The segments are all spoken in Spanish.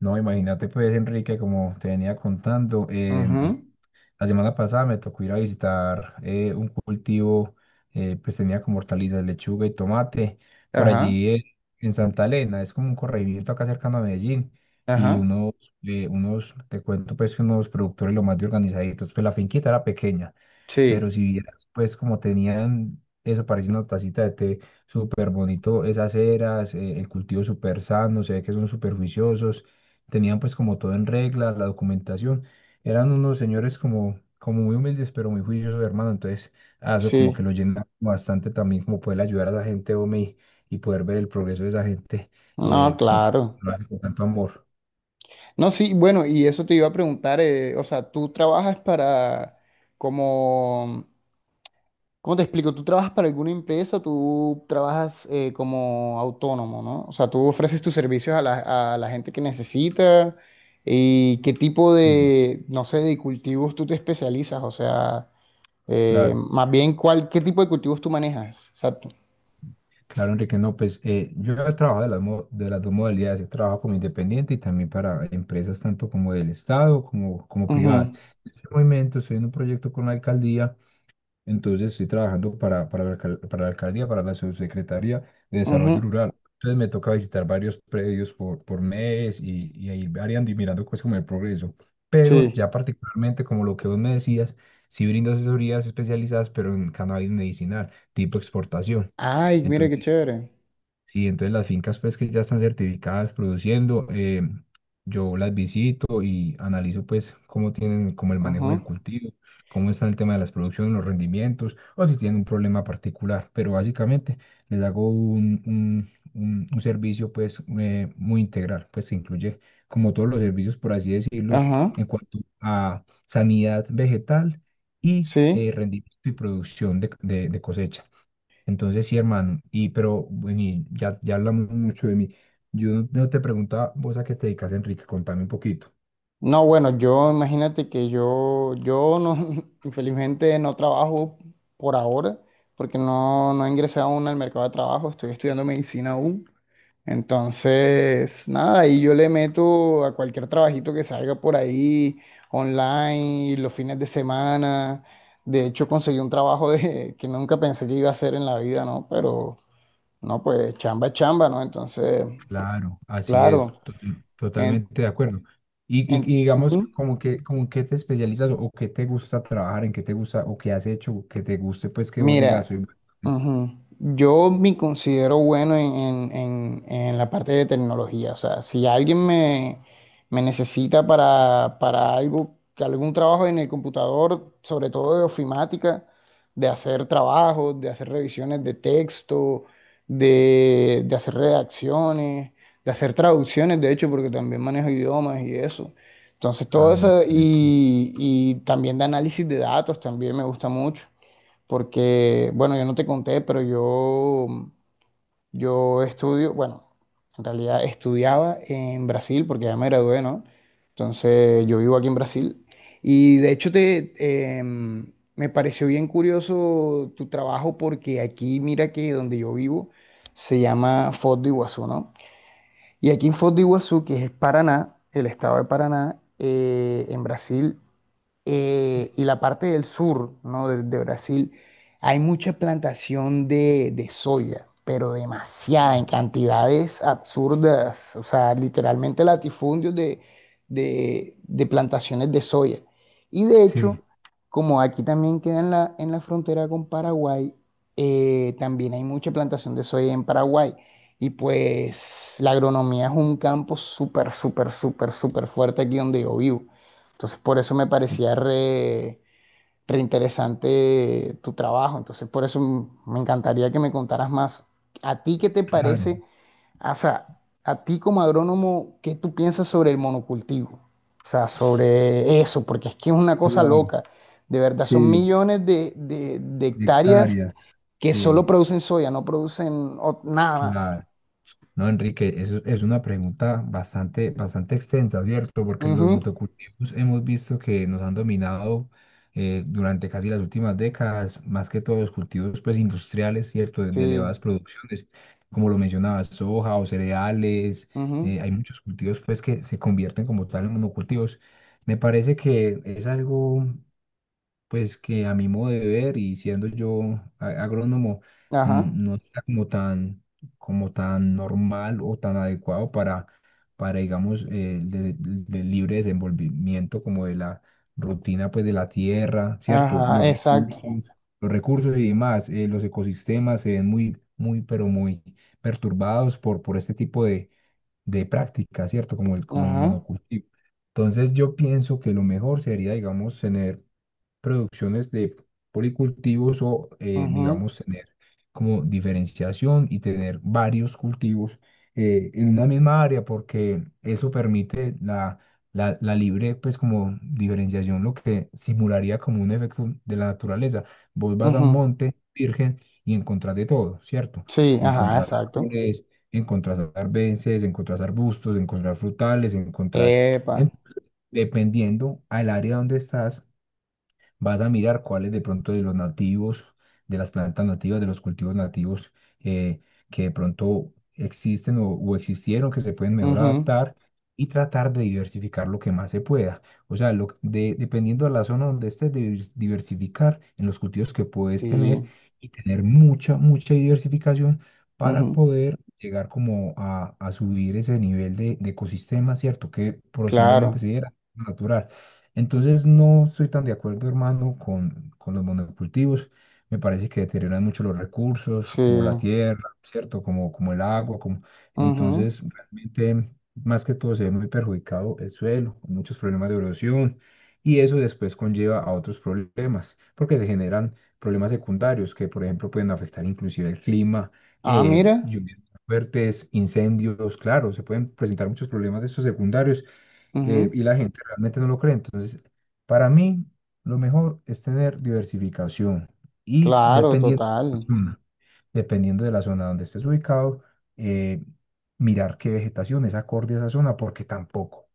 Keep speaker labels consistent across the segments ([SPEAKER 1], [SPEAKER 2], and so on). [SPEAKER 1] No, imagínate pues, Enrique, como te venía contando,
[SPEAKER 2] Ujú,
[SPEAKER 1] la semana pasada me tocó ir a visitar un cultivo. Pues tenía como hortalizas, lechuga y tomate, por
[SPEAKER 2] ajá,
[SPEAKER 1] allí en Santa Elena. Es como un corregimiento acá cercano a Medellín, y
[SPEAKER 2] ajá,
[SPEAKER 1] unos, te cuento pues que unos productores lo más de organizaditos. Pues la finquita era pequeña, pero
[SPEAKER 2] sí,
[SPEAKER 1] si vieras, pues como tenían eso, parece una tacita de té súper bonito. Esas eras, el cultivo súper sano. Se ve que son súper juiciosos, tenían pues como todo en regla, la documentación. Eran unos señores como, como muy humildes, pero muy juiciosos, hermano. Entonces a eso como que
[SPEAKER 2] sí,
[SPEAKER 1] lo llena bastante también, como poder ayudar a la gente, hombre, y poder ver el progreso de esa gente. eh,
[SPEAKER 2] no,
[SPEAKER 1] con,
[SPEAKER 2] claro.
[SPEAKER 1] lo hace con tanto amor.
[SPEAKER 2] No, sí, bueno, y eso te iba a preguntar, o sea, tú trabajas para, como, ¿cómo te explico? ¿Tú trabajas para alguna empresa o tú trabajas como autónomo, ¿no? O sea, tú ofreces tus servicios a la gente que necesita y qué tipo
[SPEAKER 1] Sí,
[SPEAKER 2] de, no sé, de cultivos tú te especializas, o sea,
[SPEAKER 1] claro.
[SPEAKER 2] más bien, ¿cuál, qué tipo de cultivos tú manejas? Exacto.
[SPEAKER 1] Claro, Enrique, no, pues yo he trabajado de las dos modalidades. He trabajado como independiente y también para empresas tanto como del Estado como, como privadas.
[SPEAKER 2] Ujú,
[SPEAKER 1] En este momento estoy en un proyecto con la alcaldía. Entonces estoy trabajando para la alcaldía, para la subsecretaría de Desarrollo
[SPEAKER 2] ujú,
[SPEAKER 1] Rural. Entonces me toca visitar varios predios por mes y ahí variando y mirando cosas como el progreso. Pero
[SPEAKER 2] sí.
[SPEAKER 1] ya particularmente como lo que vos me decías, sí brindo asesorías especializadas, pero en cannabis medicinal, tipo exportación.
[SPEAKER 2] Ay, mira qué
[SPEAKER 1] Entonces,
[SPEAKER 2] chévere.
[SPEAKER 1] sí, entonces las fincas pues que ya están certificadas produciendo, yo las visito y analizo pues cómo tienen como el manejo
[SPEAKER 2] Ajá,
[SPEAKER 1] del cultivo. Cómo está el tema de las producciones, los rendimientos o si tienen un problema particular. Pero básicamente les hago un servicio pues muy integral. Pues que incluye como todos los servicios por así decirlos
[SPEAKER 2] ajá.
[SPEAKER 1] en cuanto a sanidad vegetal y
[SPEAKER 2] Sí.
[SPEAKER 1] rendimiento y producción de de cosecha. Entonces, sí, hermano, y pero bueno, y ya hablamos mucho de mí. Yo no te preguntaba, vos a qué te dedicas, Enrique, contame un poquito.
[SPEAKER 2] No, bueno, yo imagínate que yo, no, infelizmente no trabajo por ahora, porque no he ingresado aún al mercado de trabajo, estoy estudiando medicina aún. Entonces, nada, ahí yo le meto a cualquier trabajito que salga por ahí, online, los fines de semana. De hecho, conseguí un trabajo de, que nunca pensé que iba a hacer en la vida, ¿no? Pero, no, pues chamba es chamba, ¿no? Entonces.
[SPEAKER 1] Claro, así es,
[SPEAKER 2] Claro. En,
[SPEAKER 1] totalmente de acuerdo. Y digamos,
[SPEAKER 2] Ujú.
[SPEAKER 1] como que, como qué te especializas o qué te gusta trabajar, en qué te gusta o qué has hecho, que te guste, pues que vos digas, soy
[SPEAKER 2] Mira,
[SPEAKER 1] bueno en esto".
[SPEAKER 2] ujú, yo me considero bueno en la parte de tecnología. O sea, si alguien me, necesita para algo, que algún trabajo en el computador, sobre todo de ofimática, de hacer trabajos, de hacer revisiones de texto, de hacer redacciones, de hacer traducciones, de hecho, porque también manejo idiomas y eso. Entonces, todo
[SPEAKER 1] Ah, no,
[SPEAKER 2] eso,
[SPEAKER 1] excelente.
[SPEAKER 2] y, también de análisis de datos, también me gusta mucho porque, bueno, yo no te conté, pero yo estudio, bueno, en realidad estudiaba en Brasil porque ya me gradué, ¿no? Entonces yo vivo aquí en Brasil y de hecho me pareció bien curioso tu trabajo porque aquí, mira que donde yo vivo se llama Foz de Iguazú, ¿no? Y aquí en Foz de Iguazú, que es Paraná, el estado de Paraná, en Brasil y la parte del sur, ¿no? De, de, Brasil, hay mucha plantación de soya, pero demasiada, en
[SPEAKER 1] Sí,
[SPEAKER 2] cantidades absurdas, o sea, literalmente latifundios de plantaciones de soya. Y de hecho,
[SPEAKER 1] sí,
[SPEAKER 2] como aquí también queda en la frontera con Paraguay, también hay mucha plantación de soya en Paraguay. Y pues la agronomía es un campo súper, súper, súper, súper fuerte aquí donde yo vivo. Entonces, por eso me
[SPEAKER 1] sí,
[SPEAKER 2] parecía re interesante tu trabajo. Entonces, por eso me encantaría que me contaras más. ¿A ti qué te
[SPEAKER 1] claro,
[SPEAKER 2] parece? O sea, a ti como agrónomo, ¿qué tú piensas sobre el monocultivo? O sea, sobre eso, porque es que es una cosa
[SPEAKER 1] claro,
[SPEAKER 2] loca. De verdad, son
[SPEAKER 1] sí,
[SPEAKER 2] millones de
[SPEAKER 1] de
[SPEAKER 2] hectáreas
[SPEAKER 1] hectáreas,
[SPEAKER 2] que solo
[SPEAKER 1] sí,
[SPEAKER 2] producen soya, no producen nada más.
[SPEAKER 1] claro. No, Enrique, eso es una pregunta bastante, bastante extensa, ¿cierto? Porque los
[SPEAKER 2] Ujú,
[SPEAKER 1] motocultivos hemos visto que nos han dominado durante casi las últimas décadas. Más que todos los cultivos pues, industriales, ¿cierto? De
[SPEAKER 2] sí.
[SPEAKER 1] elevadas producciones, como lo mencionabas, soja o cereales,
[SPEAKER 2] Ujú,
[SPEAKER 1] hay muchos cultivos pues, que se convierten como tal en monocultivos. Me parece que es algo pues que a mi modo de ver y siendo yo agrónomo,
[SPEAKER 2] ajá.
[SPEAKER 1] no está como tan normal o tan adecuado para digamos, el del libre desenvolvimiento como de la rutina, pues de la tierra, ¿cierto?
[SPEAKER 2] Ajá, exacto.
[SPEAKER 1] Los recursos y demás, los ecosistemas se ven muy, muy, pero muy perturbados por este tipo de prácticas, ¿cierto? Como el
[SPEAKER 2] Ajá.
[SPEAKER 1] monocultivo. Entonces yo pienso que lo mejor sería, digamos, tener producciones de policultivos o,
[SPEAKER 2] Ujú,
[SPEAKER 1] digamos, tener como diferenciación y tener varios cultivos en una misma área, porque eso permite la libre, pues como diferenciación. Lo que simularía como un efecto de la naturaleza. Vos vas a un
[SPEAKER 2] ujú.
[SPEAKER 1] monte virgen y encontrás de todo, ¿cierto?
[SPEAKER 2] Sí, ajá,
[SPEAKER 1] Encontrás
[SPEAKER 2] exacto.
[SPEAKER 1] árboles, encontrás arbences, encontrás arbustos, encontrás frutales, encontrás,
[SPEAKER 2] Epa.
[SPEAKER 1] en- dependiendo al área donde estás, vas a mirar cuáles de pronto de los nativos, de las plantas nativas, de los cultivos nativos eh, que de pronto existen o existieron, que se pueden mejor
[SPEAKER 2] Ujú,
[SPEAKER 1] adaptar y tratar de diversificar lo que más se pueda. O sea, dependiendo de la zona donde estés, diversificar en los cultivos que puedes tener
[SPEAKER 2] sí.
[SPEAKER 1] y tener mucha, mucha diversificación para
[SPEAKER 2] Ujú,
[SPEAKER 1] poder llegar como a subir ese nivel de ecosistema, ¿cierto? Que posiblemente
[SPEAKER 2] claro.
[SPEAKER 1] se diera natural. Entonces no estoy tan de acuerdo, hermano, con los monocultivos. Me parece que deterioran mucho los recursos,
[SPEAKER 2] Sí.
[SPEAKER 1] como la tierra, ¿cierto? Como el agua, como...
[SPEAKER 2] Ujú.
[SPEAKER 1] Entonces, realmente, más que todo, se ve muy perjudicado el suelo, muchos problemas de erosión. Y eso después conlleva a otros problemas, porque se generan problemas secundarios que, por ejemplo, pueden afectar inclusive el clima,
[SPEAKER 2] Ah, mira.
[SPEAKER 1] lluvias fuertes, incendios, claro, se pueden presentar muchos problemas de estos secundarios
[SPEAKER 2] Ujú,
[SPEAKER 1] y la gente realmente no lo cree. Entonces, para mí, lo mejor es tener diversificación y
[SPEAKER 2] claro,
[SPEAKER 1] dependiendo de la
[SPEAKER 2] total.
[SPEAKER 1] zona, dependiendo de la zona donde estés ubicado, eh, mirar qué vegetación es acorde a esa zona, porque tampoco.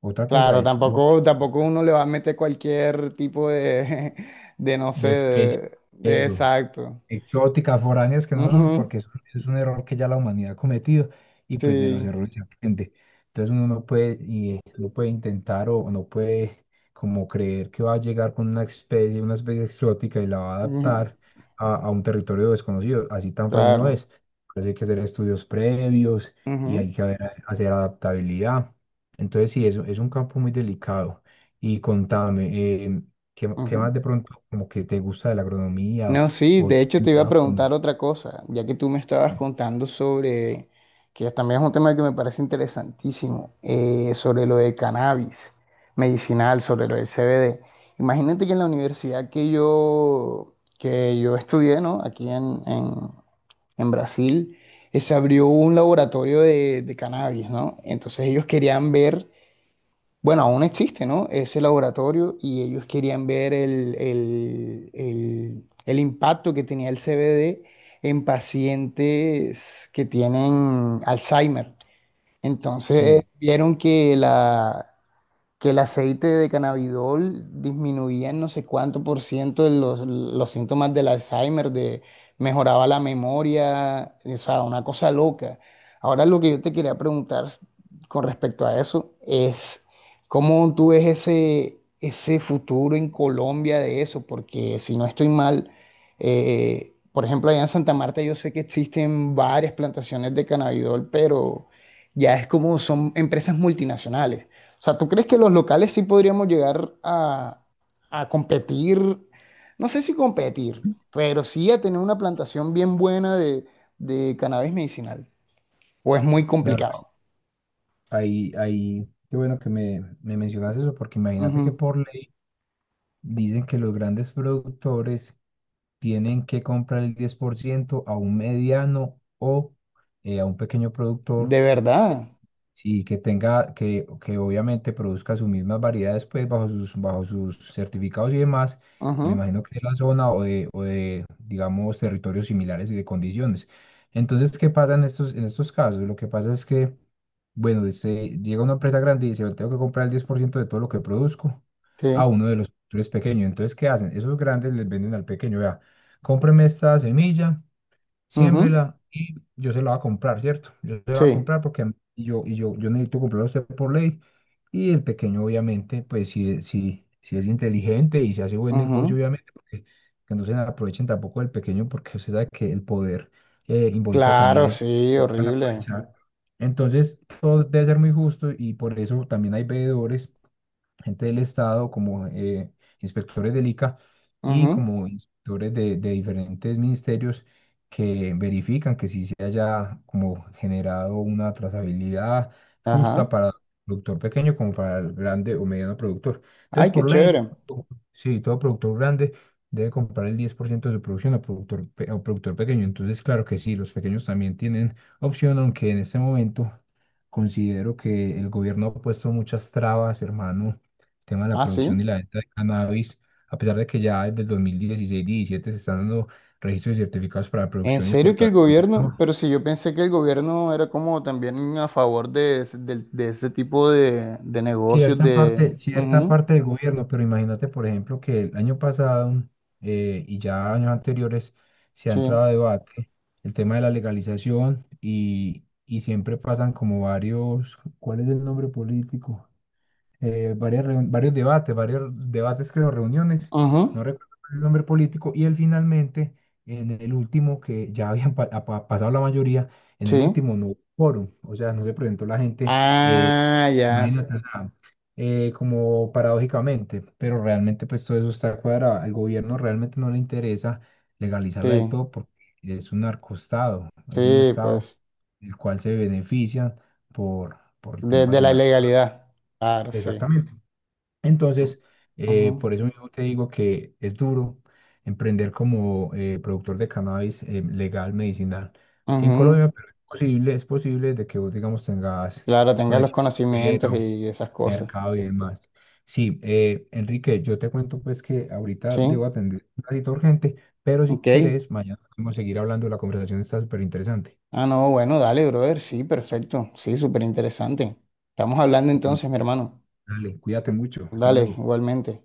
[SPEAKER 1] Otra cosa
[SPEAKER 2] Claro,
[SPEAKER 1] es
[SPEAKER 2] tampoco, tampoco uno le va a meter cualquier tipo de, de no sé,
[SPEAKER 1] de especies,
[SPEAKER 2] de
[SPEAKER 1] eso.
[SPEAKER 2] exacto.
[SPEAKER 1] Exóticas, foráneas que no son,
[SPEAKER 2] Ujú,
[SPEAKER 1] porque eso es un error que ya la humanidad ha cometido y pues de los
[SPEAKER 2] sí.
[SPEAKER 1] errores se aprende. Entonces uno no puede, y no puede intentar o no puede como creer que va a llegar con una especie exótica y la va a
[SPEAKER 2] Ujú,
[SPEAKER 1] adaptar a un territorio desconocido. Así tan fácil no
[SPEAKER 2] claro.
[SPEAKER 1] es. Por hay que hacer estudios previos y hay
[SPEAKER 2] Ujú,
[SPEAKER 1] que hacer adaptabilidad. Entonces sí, es un campo muy delicado. Y contame, ¿qué
[SPEAKER 2] ujú.
[SPEAKER 1] más de pronto como que te gusta de la agronomía?
[SPEAKER 2] No, sí,
[SPEAKER 1] ¿O
[SPEAKER 2] de hecho
[SPEAKER 1] en
[SPEAKER 2] te iba a
[SPEAKER 1] trabajo,
[SPEAKER 2] preguntar
[SPEAKER 1] no?
[SPEAKER 2] otra cosa, ya que tú me estabas
[SPEAKER 1] Sí,
[SPEAKER 2] contando sobre, que también es un tema que me parece interesantísimo, sobre lo del cannabis medicinal, sobre lo del CBD. Imagínate que en la universidad que yo, estudié, ¿no? Aquí en Brasil, se abrió un laboratorio de cannabis, ¿no? Entonces ellos querían ver bueno, aún existe, ¿no? Ese laboratorio y ellos querían ver el impacto que tenía el CBD en pacientes que tienen Alzheimer. Entonces
[SPEAKER 1] sí,
[SPEAKER 2] vieron que el aceite de cannabidol disminuía en no sé cuánto por ciento de los síntomas del Alzheimer, mejoraba la memoria, o sea, una cosa loca. Ahora lo que yo te quería preguntar con respecto a eso es, ¿cómo tú ves ese futuro en Colombia de eso? Porque si no estoy mal, por ejemplo, allá en Santa Marta yo sé que existen varias plantaciones de cannabidol, pero ya es como son empresas multinacionales. O sea, ¿tú crees que los locales sí podríamos llegar a, competir? No sé si competir, pero sí a tener una plantación bien buena de cannabis medicinal. O es muy
[SPEAKER 1] claro.
[SPEAKER 2] complicado.
[SPEAKER 1] Ahí, ahí, qué bueno que me mencionas eso, porque imagínate que
[SPEAKER 2] Ujú.
[SPEAKER 1] por ley dicen que los grandes productores tienen que comprar el 10% a un mediano o a un pequeño productor.
[SPEAKER 2] De verdad.
[SPEAKER 1] Sí, que tenga, que obviamente produzca sus mismas variedades, pues bajo sus certificados y demás. Me
[SPEAKER 2] Ujú.
[SPEAKER 1] imagino que de la zona o de, digamos, territorios similares y de condiciones. Entonces, ¿qué pasa en estos casos? Lo que pasa es que, bueno, se llega una empresa grande y dice, "Yo tengo que comprar el 10% de todo lo que produzco
[SPEAKER 2] Sí.
[SPEAKER 1] a uno de los productores pequeños". Entonces, ¿qué hacen? Esos grandes les venden al pequeño, vea, cómpreme esta semilla,
[SPEAKER 2] Ujú.
[SPEAKER 1] siémbrela y yo se la voy a comprar, ¿cierto? Yo se la voy a
[SPEAKER 2] Sí.
[SPEAKER 1] comprar porque a mí- yo, y yo, yo necesito comprarla a usted por ley. Y el pequeño, obviamente, pues si es inteligente y se hace buen negocio,
[SPEAKER 2] Ujú.
[SPEAKER 1] obviamente, porque que no se aprovechen tampoco del pequeño, porque usted sabe que el poder involucra también
[SPEAKER 2] Claro,
[SPEAKER 1] eso,
[SPEAKER 2] sí,
[SPEAKER 1] van a
[SPEAKER 2] horrible.
[SPEAKER 1] aprovechar. Entonces, todo debe ser muy justo y por eso también hay veedores, gente del Estado, como inspectores del ICA y
[SPEAKER 2] Ujú.
[SPEAKER 1] como inspectores de diferentes ministerios que verifican que sí se haya como generado una trazabilidad
[SPEAKER 2] Ajá.
[SPEAKER 1] justa para el productor pequeño como para el grande o mediano productor.
[SPEAKER 2] Ay,
[SPEAKER 1] Entonces,
[SPEAKER 2] qué
[SPEAKER 1] por ley,
[SPEAKER 2] chévere.
[SPEAKER 1] sí, todo productor grande debe comprar el 10% de su producción a productor, a productor pequeño. Entonces, claro que sí, los pequeños también tienen opción, aunque en este momento... Considero que el gobierno ha puesto muchas trabas, hermano, tema de la
[SPEAKER 2] Ah,
[SPEAKER 1] producción y
[SPEAKER 2] sí.
[SPEAKER 1] la venta de cannabis, a pesar de que ya desde el 2016 y 17 se están dando registros y certificados para la
[SPEAKER 2] ¿En
[SPEAKER 1] producción y
[SPEAKER 2] serio que el
[SPEAKER 1] exportación.
[SPEAKER 2] gobierno?
[SPEAKER 1] No,
[SPEAKER 2] Pero si yo pensé que el gobierno era como también a favor de, ese de ese tipo de, negocios de...
[SPEAKER 1] cierta
[SPEAKER 2] Ujú,
[SPEAKER 1] parte del gobierno, pero imagínate, por ejemplo, que el año pasado y ya años anteriores se ha
[SPEAKER 2] sí.
[SPEAKER 1] entrado a debate el tema de la legalización y siempre pasan como varios, ¿cuál es el nombre político? Varias varios debates, creo, reuniones.
[SPEAKER 2] Ujú,
[SPEAKER 1] No recuerdo el nombre político, y él finalmente, en el último, que ya habían pasado la mayoría. En el
[SPEAKER 2] sí.
[SPEAKER 1] último no hubo quórum, o sea, no se presentó la gente, eh,
[SPEAKER 2] Ah, ya.
[SPEAKER 1] imagínate, o sea, como paradójicamente, pero realmente pues todo eso está cuadrado. Al gobierno realmente no le interesa legalizarla del
[SPEAKER 2] Sí,
[SPEAKER 1] todo porque es un narcoestado, es un
[SPEAKER 2] sí,
[SPEAKER 1] estado
[SPEAKER 2] pues.
[SPEAKER 1] el cual se benefician por
[SPEAKER 2] De,
[SPEAKER 1] temas
[SPEAKER 2] de
[SPEAKER 1] de
[SPEAKER 2] la
[SPEAKER 1] narcotráfico.
[SPEAKER 2] ilegalidad. Claro, sí.
[SPEAKER 1] Exactamente. Entonces,
[SPEAKER 2] Ujú,
[SPEAKER 1] por eso mismo te digo que es duro emprender como productor de cannabis legal, medicinal, aquí en
[SPEAKER 2] ujú.
[SPEAKER 1] Colombia, pero es posible de que vos, digamos, tengas
[SPEAKER 2] Claro, tengas los
[SPEAKER 1] conexión
[SPEAKER 2] conocimientos
[SPEAKER 1] con
[SPEAKER 2] y esas cosas.
[SPEAKER 1] mercado y demás. Sí, Enrique, yo te cuento pues que ahorita
[SPEAKER 2] Sí.
[SPEAKER 1] debo atender una cita urgente, pero si
[SPEAKER 2] Ok.
[SPEAKER 1] querés, mañana podemos seguir hablando. La conversación está súper interesante.
[SPEAKER 2] Ah, no, bueno, dale, brother. Sí, perfecto. Sí, súper interesante. Estamos hablando
[SPEAKER 1] Bueno,
[SPEAKER 2] entonces, mi hermano.
[SPEAKER 1] dale, cuídate mucho, hasta
[SPEAKER 2] Dale,
[SPEAKER 1] luego.
[SPEAKER 2] igualmente.